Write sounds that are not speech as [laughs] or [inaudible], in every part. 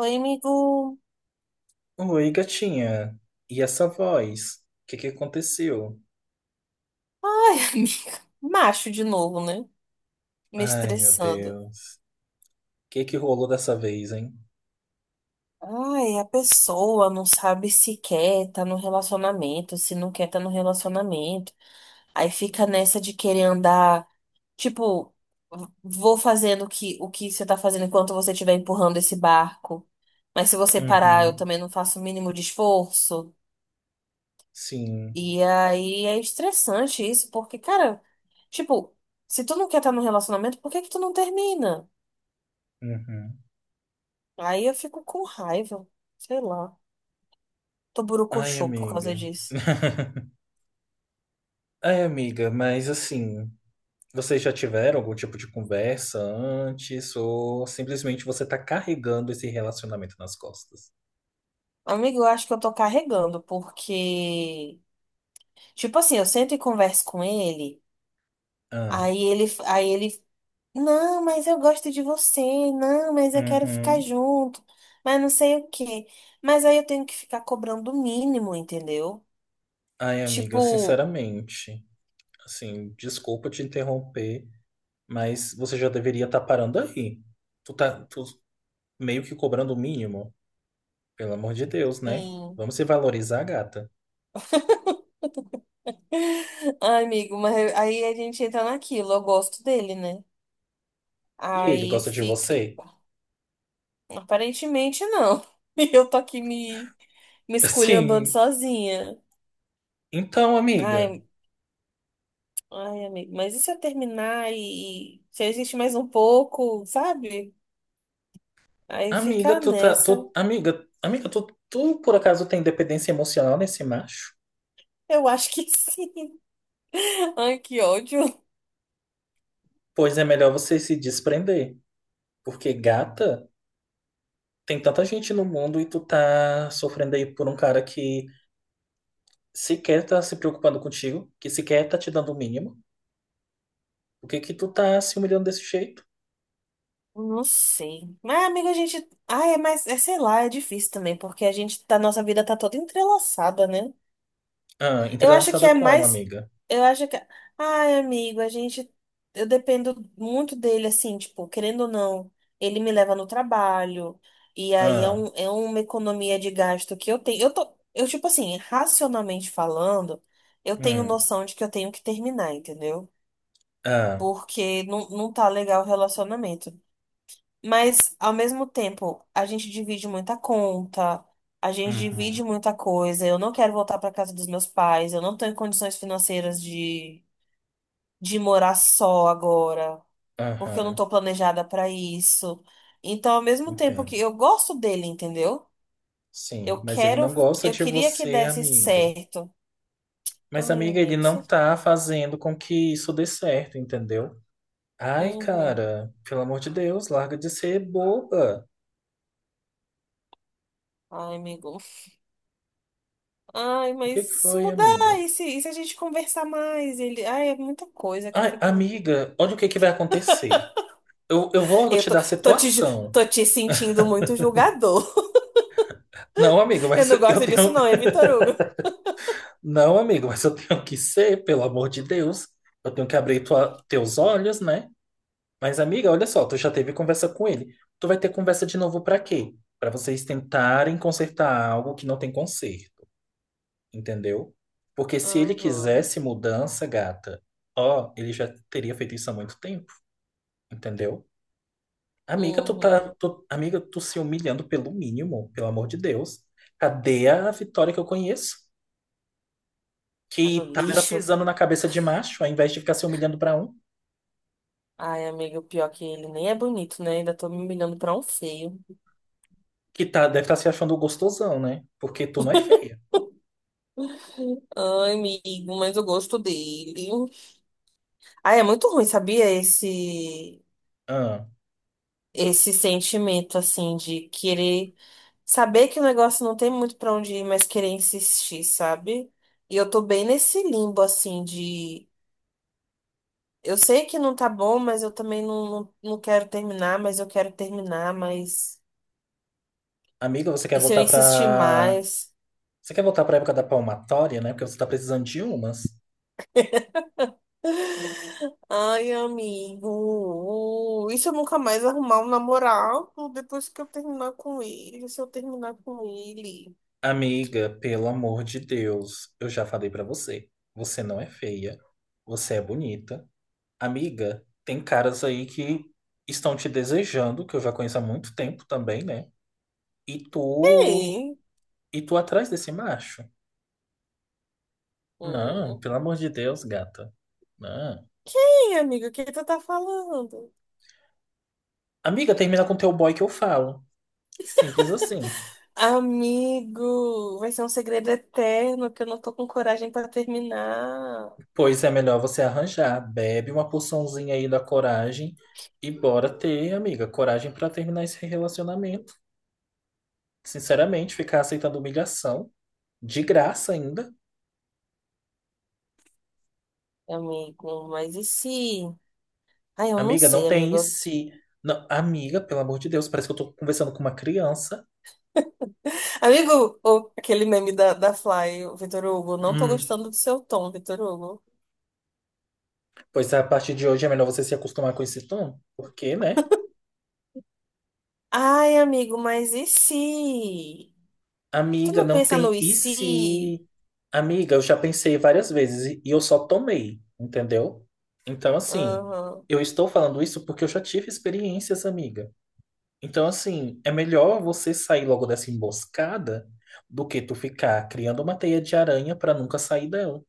Oi, amigo. Oi, gatinha. E essa voz? O que que aconteceu? Ai, [laughs] amiga. Macho de novo, né? Me Ai, meu estressando. Deus. O que que rolou dessa vez, hein? Ai, a pessoa não sabe se quer tá no relacionamento, se não quer tá no relacionamento. Aí fica nessa de querer andar, tipo, vou fazendo o que você tá fazendo enquanto você estiver empurrando esse barco. Mas se você parar, eu Uhum. também não faço o mínimo de esforço. Sim. E aí é estressante isso, porque, cara, tipo, se tu não quer estar tá no relacionamento, por que que tu não termina? Uhum. Aí eu fico com raiva, sei lá. Tô Ai, borocochô por causa amiga. disso. [laughs] Ai, amiga, mas assim, vocês já tiveram algum tipo de conversa antes ou simplesmente você tá carregando esse relacionamento nas costas? Amigo, eu acho que eu tô carregando, porque, tipo assim, eu sento e converso com ele, Ah. aí ele, não, mas eu gosto de você, não, mas eu quero ficar Uhum. junto, mas não sei o quê. Mas aí eu tenho que ficar cobrando o mínimo, entendeu? Ai, amiga, Tipo, sinceramente, assim, desculpa te interromper. Mas você já deveria estar parando aí. Tu tá tu meio que cobrando o mínimo. Pelo amor de Deus, né? hum. Vamos se valorizar, gata. [laughs] Ai, amigo, mas aí a gente entra naquilo, eu gosto dele, né? E ele Aí gosta de fica. você? Aparentemente não. [laughs] E eu tô aqui me [laughs] esculhambando Sim. sozinha. Então, amiga. Ai, ai, amigo, mas e se eu terminar e se a gente mais um pouco, sabe? Aí Amiga, fica tu tá. nessa. Tu, amiga, amiga, tu, tu por acaso tem dependência emocional nesse macho? Eu acho que [laughs] sim. Ai, que ódio. Pois é melhor você se desprender. Porque, gata, tem tanta gente no mundo e tu tá sofrendo aí por um cara que sequer tá se preocupando contigo, que sequer tá te dando o mínimo. Por que que tu tá se humilhando desse jeito? Não sei. Mas, amigo, a gente. Ai, mas é, sei lá, é difícil também, porque a gente, nossa vida tá toda entrelaçada, né? Ah, Eu acho que entrelaçada é como, mais. amiga? Eu acho que. Ai, amigo, a gente. Eu dependo muito dele, assim, tipo, querendo ou não, ele me leva no trabalho. E aí é, Ah, um, é uma economia de gasto que eu tenho. Eu tô. Eu, tipo assim, racionalmente falando, eu tenho hum, noção de que eu tenho que terminar, entendeu? ah, Porque não, não tá legal o relacionamento. Mas, ao mesmo tempo, a gente divide muita conta, a gente uhum, divide muita coisa. Eu não quero voltar para casa dos meus pais, eu não estou em condições financeiras de, morar só agora, porque eu não aham, estou planejada para isso. Então, ao mesmo tempo que entendo. eu gosto dele, entendeu? Sim, Eu mas ele quero, não gosta eu de queria que você, desse amiga. certo. Mas, Ai, amiga, ele amigo, você... não tá fazendo com que isso dê certo, entendeu? Ai, Uhum. cara, pelo amor de Deus, larga de ser boba. Ai, amigo. Ai, O que mas que se foi, mudar, amiga? E se a gente conversar mais? Ele... Ai, é muita coisa que eu Ai, fico. amiga, olha o que que vai acontecer. Eu vou Eu te tô, dar a tô te, ju- situação. tô te sentindo muito julgador. Não, amiga, [laughs] Eu mas não [laughs] eu gosto disso, tenho, não, é Vitor Hugo. não, amigo, mas eu tenho que ser, pelo amor de Deus. Eu tenho que abrir teus olhos, né? Mas, amiga, olha só, tu já teve conversa com ele. Tu vai ter conversa de novo pra quê? Pra vocês tentarem consertar algo que não tem conserto, entendeu? Porque se ele Uhum, quisesse mudança, gata, ó, ele já teria feito isso há muito tempo, entendeu? Amiga, tu tá, uhum. tu- amiga, tu se humilhando pelo mínimo, pelo amor de Deus. Cadê a Vitória que eu conheço? Tá no Que tá era lixo. pisando na cabeça de macho, ao invés de ficar se humilhando pra um, Ai, amigo, pior é que ele nem é bonito, né? Ainda tô me humilhando pra um feio. que tá, deve estar se achando gostosão, né? Porque tu não é feia. Ai, amigo, mas eu gosto dele. Ai, é muito ruim, sabia? Esse, Ah, esse sentimento, assim, de querer saber que o negócio não tem muito pra onde ir, mas querer insistir, sabe? E eu tô bem nesse limbo, assim, de. Eu sei que não tá bom, mas eu também não, não, não quero terminar, mas eu quero terminar, mas. amiga, E se eu insistir mais? Você quer voltar pra época da palmatória, né? Porque você tá precisando de umas. Ai, amigo. E se eu nunca mais arrumar um namorado depois que eu terminar com ele? Se eu terminar com ele? Amiga, pelo amor de Deus, eu já falei pra você. Você não é feia. Você é bonita. Amiga, tem caras aí que estão te desejando, que eu já conheço há muito tempo também, né? E tu. Quem? E tu atrás desse macho. Não, Hum. pelo amor de Deus, gata. Não. Quem, amigo? O que tu tá falando? Amiga, termina com teu boy que eu falo. Simples assim. Amigo, vai ser um segredo eterno que eu não tô com coragem pra terminar. Pois é melhor você arranjar. Bebe uma porçãozinha aí da coragem e bora ter, amiga, coragem pra terminar esse relacionamento. Sinceramente, ficar aceitando humilhação de graça ainda. Amigo, mas e se? Ai, eu não Amiga, não sei, tem amigo. se. Não, amiga, pelo amor de Deus, parece que eu tô conversando com uma criança. Amigo, aquele meme da, Fly, o Vitor Hugo, não tô Hum. gostando do seu tom, Vitor Hugo. Pois a partir de hoje é melhor você se acostumar com esse tom, porque, né? Ai, amigo, mas e se? Tu Amiga, não não pensa no tem e e se? se? Amiga, eu já pensei várias vezes e eu só tomei, entendeu? Então, assim, Uhum, eu estou falando isso porque eu já tive experiências, amiga. Então, assim, é melhor você sair logo dessa emboscada do que tu ficar criando uma teia de aranha pra nunca sair dela.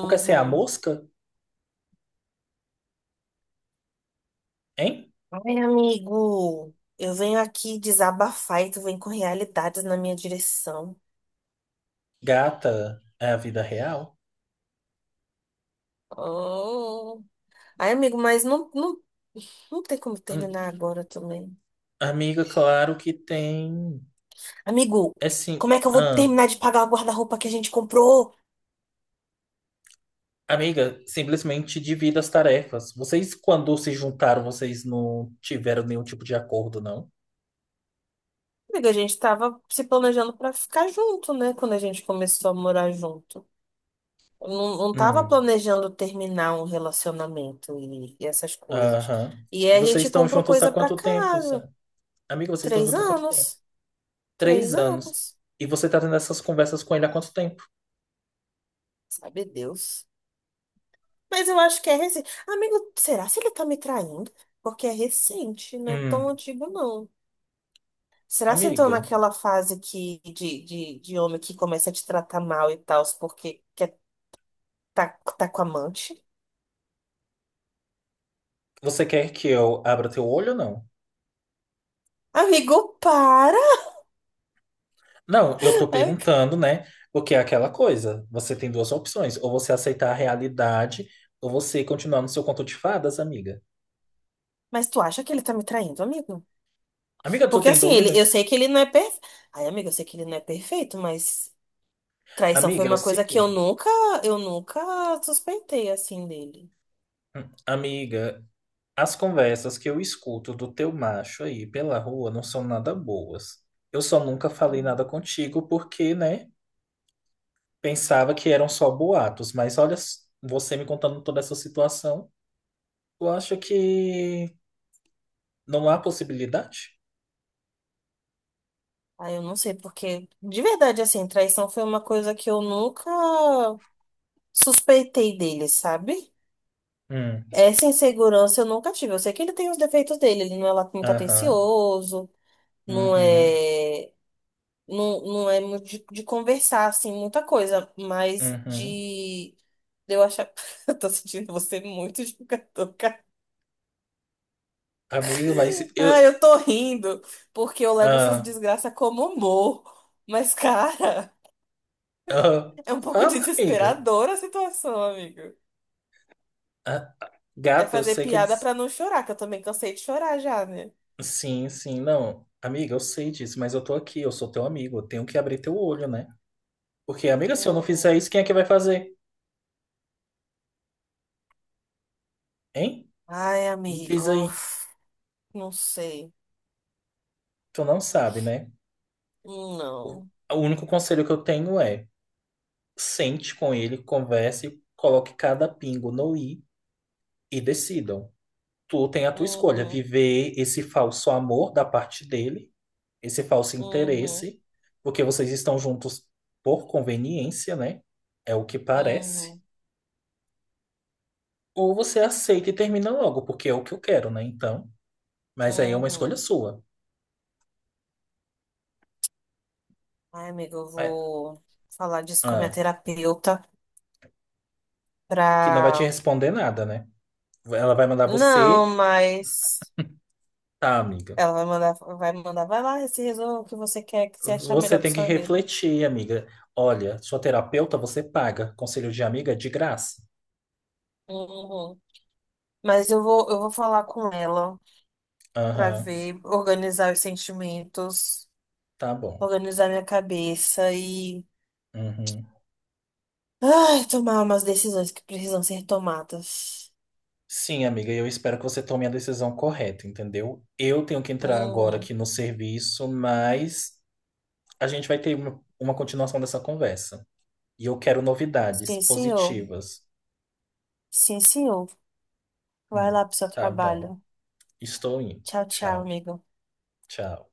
Tu quer ser a mosca? Hein? Ai, amigo, eu venho aqui desabafar e tu vem com realidades na minha direção. Gata, é a vida real? Oh. Ai, amigo, mas não, não, não tem como Hum. terminar agora também. Amiga, claro que tem. Amigo, É sim. como é que eu vou terminar de pagar o guarda-roupa que a gente comprou? Amiga, simplesmente divida as tarefas. Vocês, quando se juntaram, vocês não tiveram nenhum tipo de acordo, não? Amiga, a gente tava se planejando pra ficar junto, né? Quando a gente começou a morar junto. Eu não tava Hum, planejando terminar um relacionamento e essas coisas. aham. E E aí a vocês gente estão comprou juntos há coisa pra quanto tempo, casa. Sam? Amiga, vocês estão Três juntos há quanto tempo? anos. Três Três anos. anos. E você tá tendo essas conversas com ele há quanto tempo? Sabe Deus. Mas eu acho que é recente. Amigo, será se ele tá me traindo? Porque é recente, não é tão Hum, antigo, não. Será se entrou amiga, naquela fase que, de, de homem que começa a te tratar mal e tal, porque quer tá, tá com amante? você quer que eu abra teu olho ou não? Amigo, para! Não, eu tô Ai, perguntando, né? Porque é aquela coisa. Você tem duas opções. Ou você aceitar a realidade, ou você continuar no seu conto de fadas, amiga. mas tu acha que ele tá me traindo, amigo? Amiga, tu Porque tem assim, ele, dúvida? eu sei que ele não é perfeito. Ai, amigo, eu sei que ele não é perfeito, mas traição foi Amiga, é o uma coisa que eu seguinte, nunca, eu nunca suspeitei assim dele. Amiga, as conversas que eu escuto do teu macho aí pela rua não são nada boas. Eu só nunca falei nada Hum. contigo porque, né, pensava que eram só boatos, mas olha, você me contando toda essa situação, eu acho que não há possibilidade? Ai, eu não sei porque, de verdade, assim, traição foi uma coisa que eu nunca suspeitei dele, sabe? Hum, Essa insegurança eu nunca tive. Eu sei que ele tem os defeitos dele, ele não é lá muito aham, atencioso, não uhum, é. Não, não é muito de, conversar, assim, muita coisa, mas uhum. de, eu achar. [laughs] Eu tô sentindo você muito jogador, cara. Amiga, mas Ah, eu... eu tô rindo, porque eu levo essas Ah, desgraças como humor. Mas, cara, ah, é um pouco fala, amiga. desesperadora a situação, amigo. Ah, É gata, eu fazer sei que é. piada pra não chorar, que eu também cansei de chorar já, né? Sim, sim, não. Amiga, eu sei disso, mas eu tô aqui, eu sou teu amigo, eu tenho que abrir teu olho, né? Porque, amiga, se eu não fizer Uhum. isso, quem é que vai fazer? Hein? Ai, Me diz amigo, aí. não sei. Tu não sabe, né? O, Não. o único conselho que eu tenho é sente com ele, converse, coloque cada pingo no i e decidam. Tu tem a tua escolha, Uhum, viver esse falso amor da parte dele, esse falso uhum, interesse, porque vocês estão juntos por conveniência, né? É o que parece. uhum, Ou você aceita e termina logo, porque é o que eu quero, né? Então, mas aí é uhum, uma escolha uhum. sua. Ai, amiga, eu É, vou falar disso com a minha ah, terapeuta que não vai te pra. responder nada, né? Ela vai mandar você, Não, mas tá, amiga. ela vai mandar, vai lá, se resolva o que você quer, que você achar Você melhor pra tem que sua vida. refletir, amiga. Olha, sua terapeuta você paga. Conselho de amiga é de graça. Uhum. Mas eu vou falar com ela pra Aham, ver, organizar os sentimentos, tá bom. organizar minha cabeça e, Uhum. ai, tomar umas decisões que precisam ser tomadas. Sim, amiga, eu espero que você tome a decisão correta, entendeu? Eu tenho que entrar agora Uhum. aqui no serviço, mas a gente vai ter uma continuação dessa conversa. E eu quero novidades Sim, senhor. positivas. Sim, senhor. Vai Hum, lá pro seu tá bom. trabalho. Estou indo. Tchau, tchau, Tchau, amigo. tchau.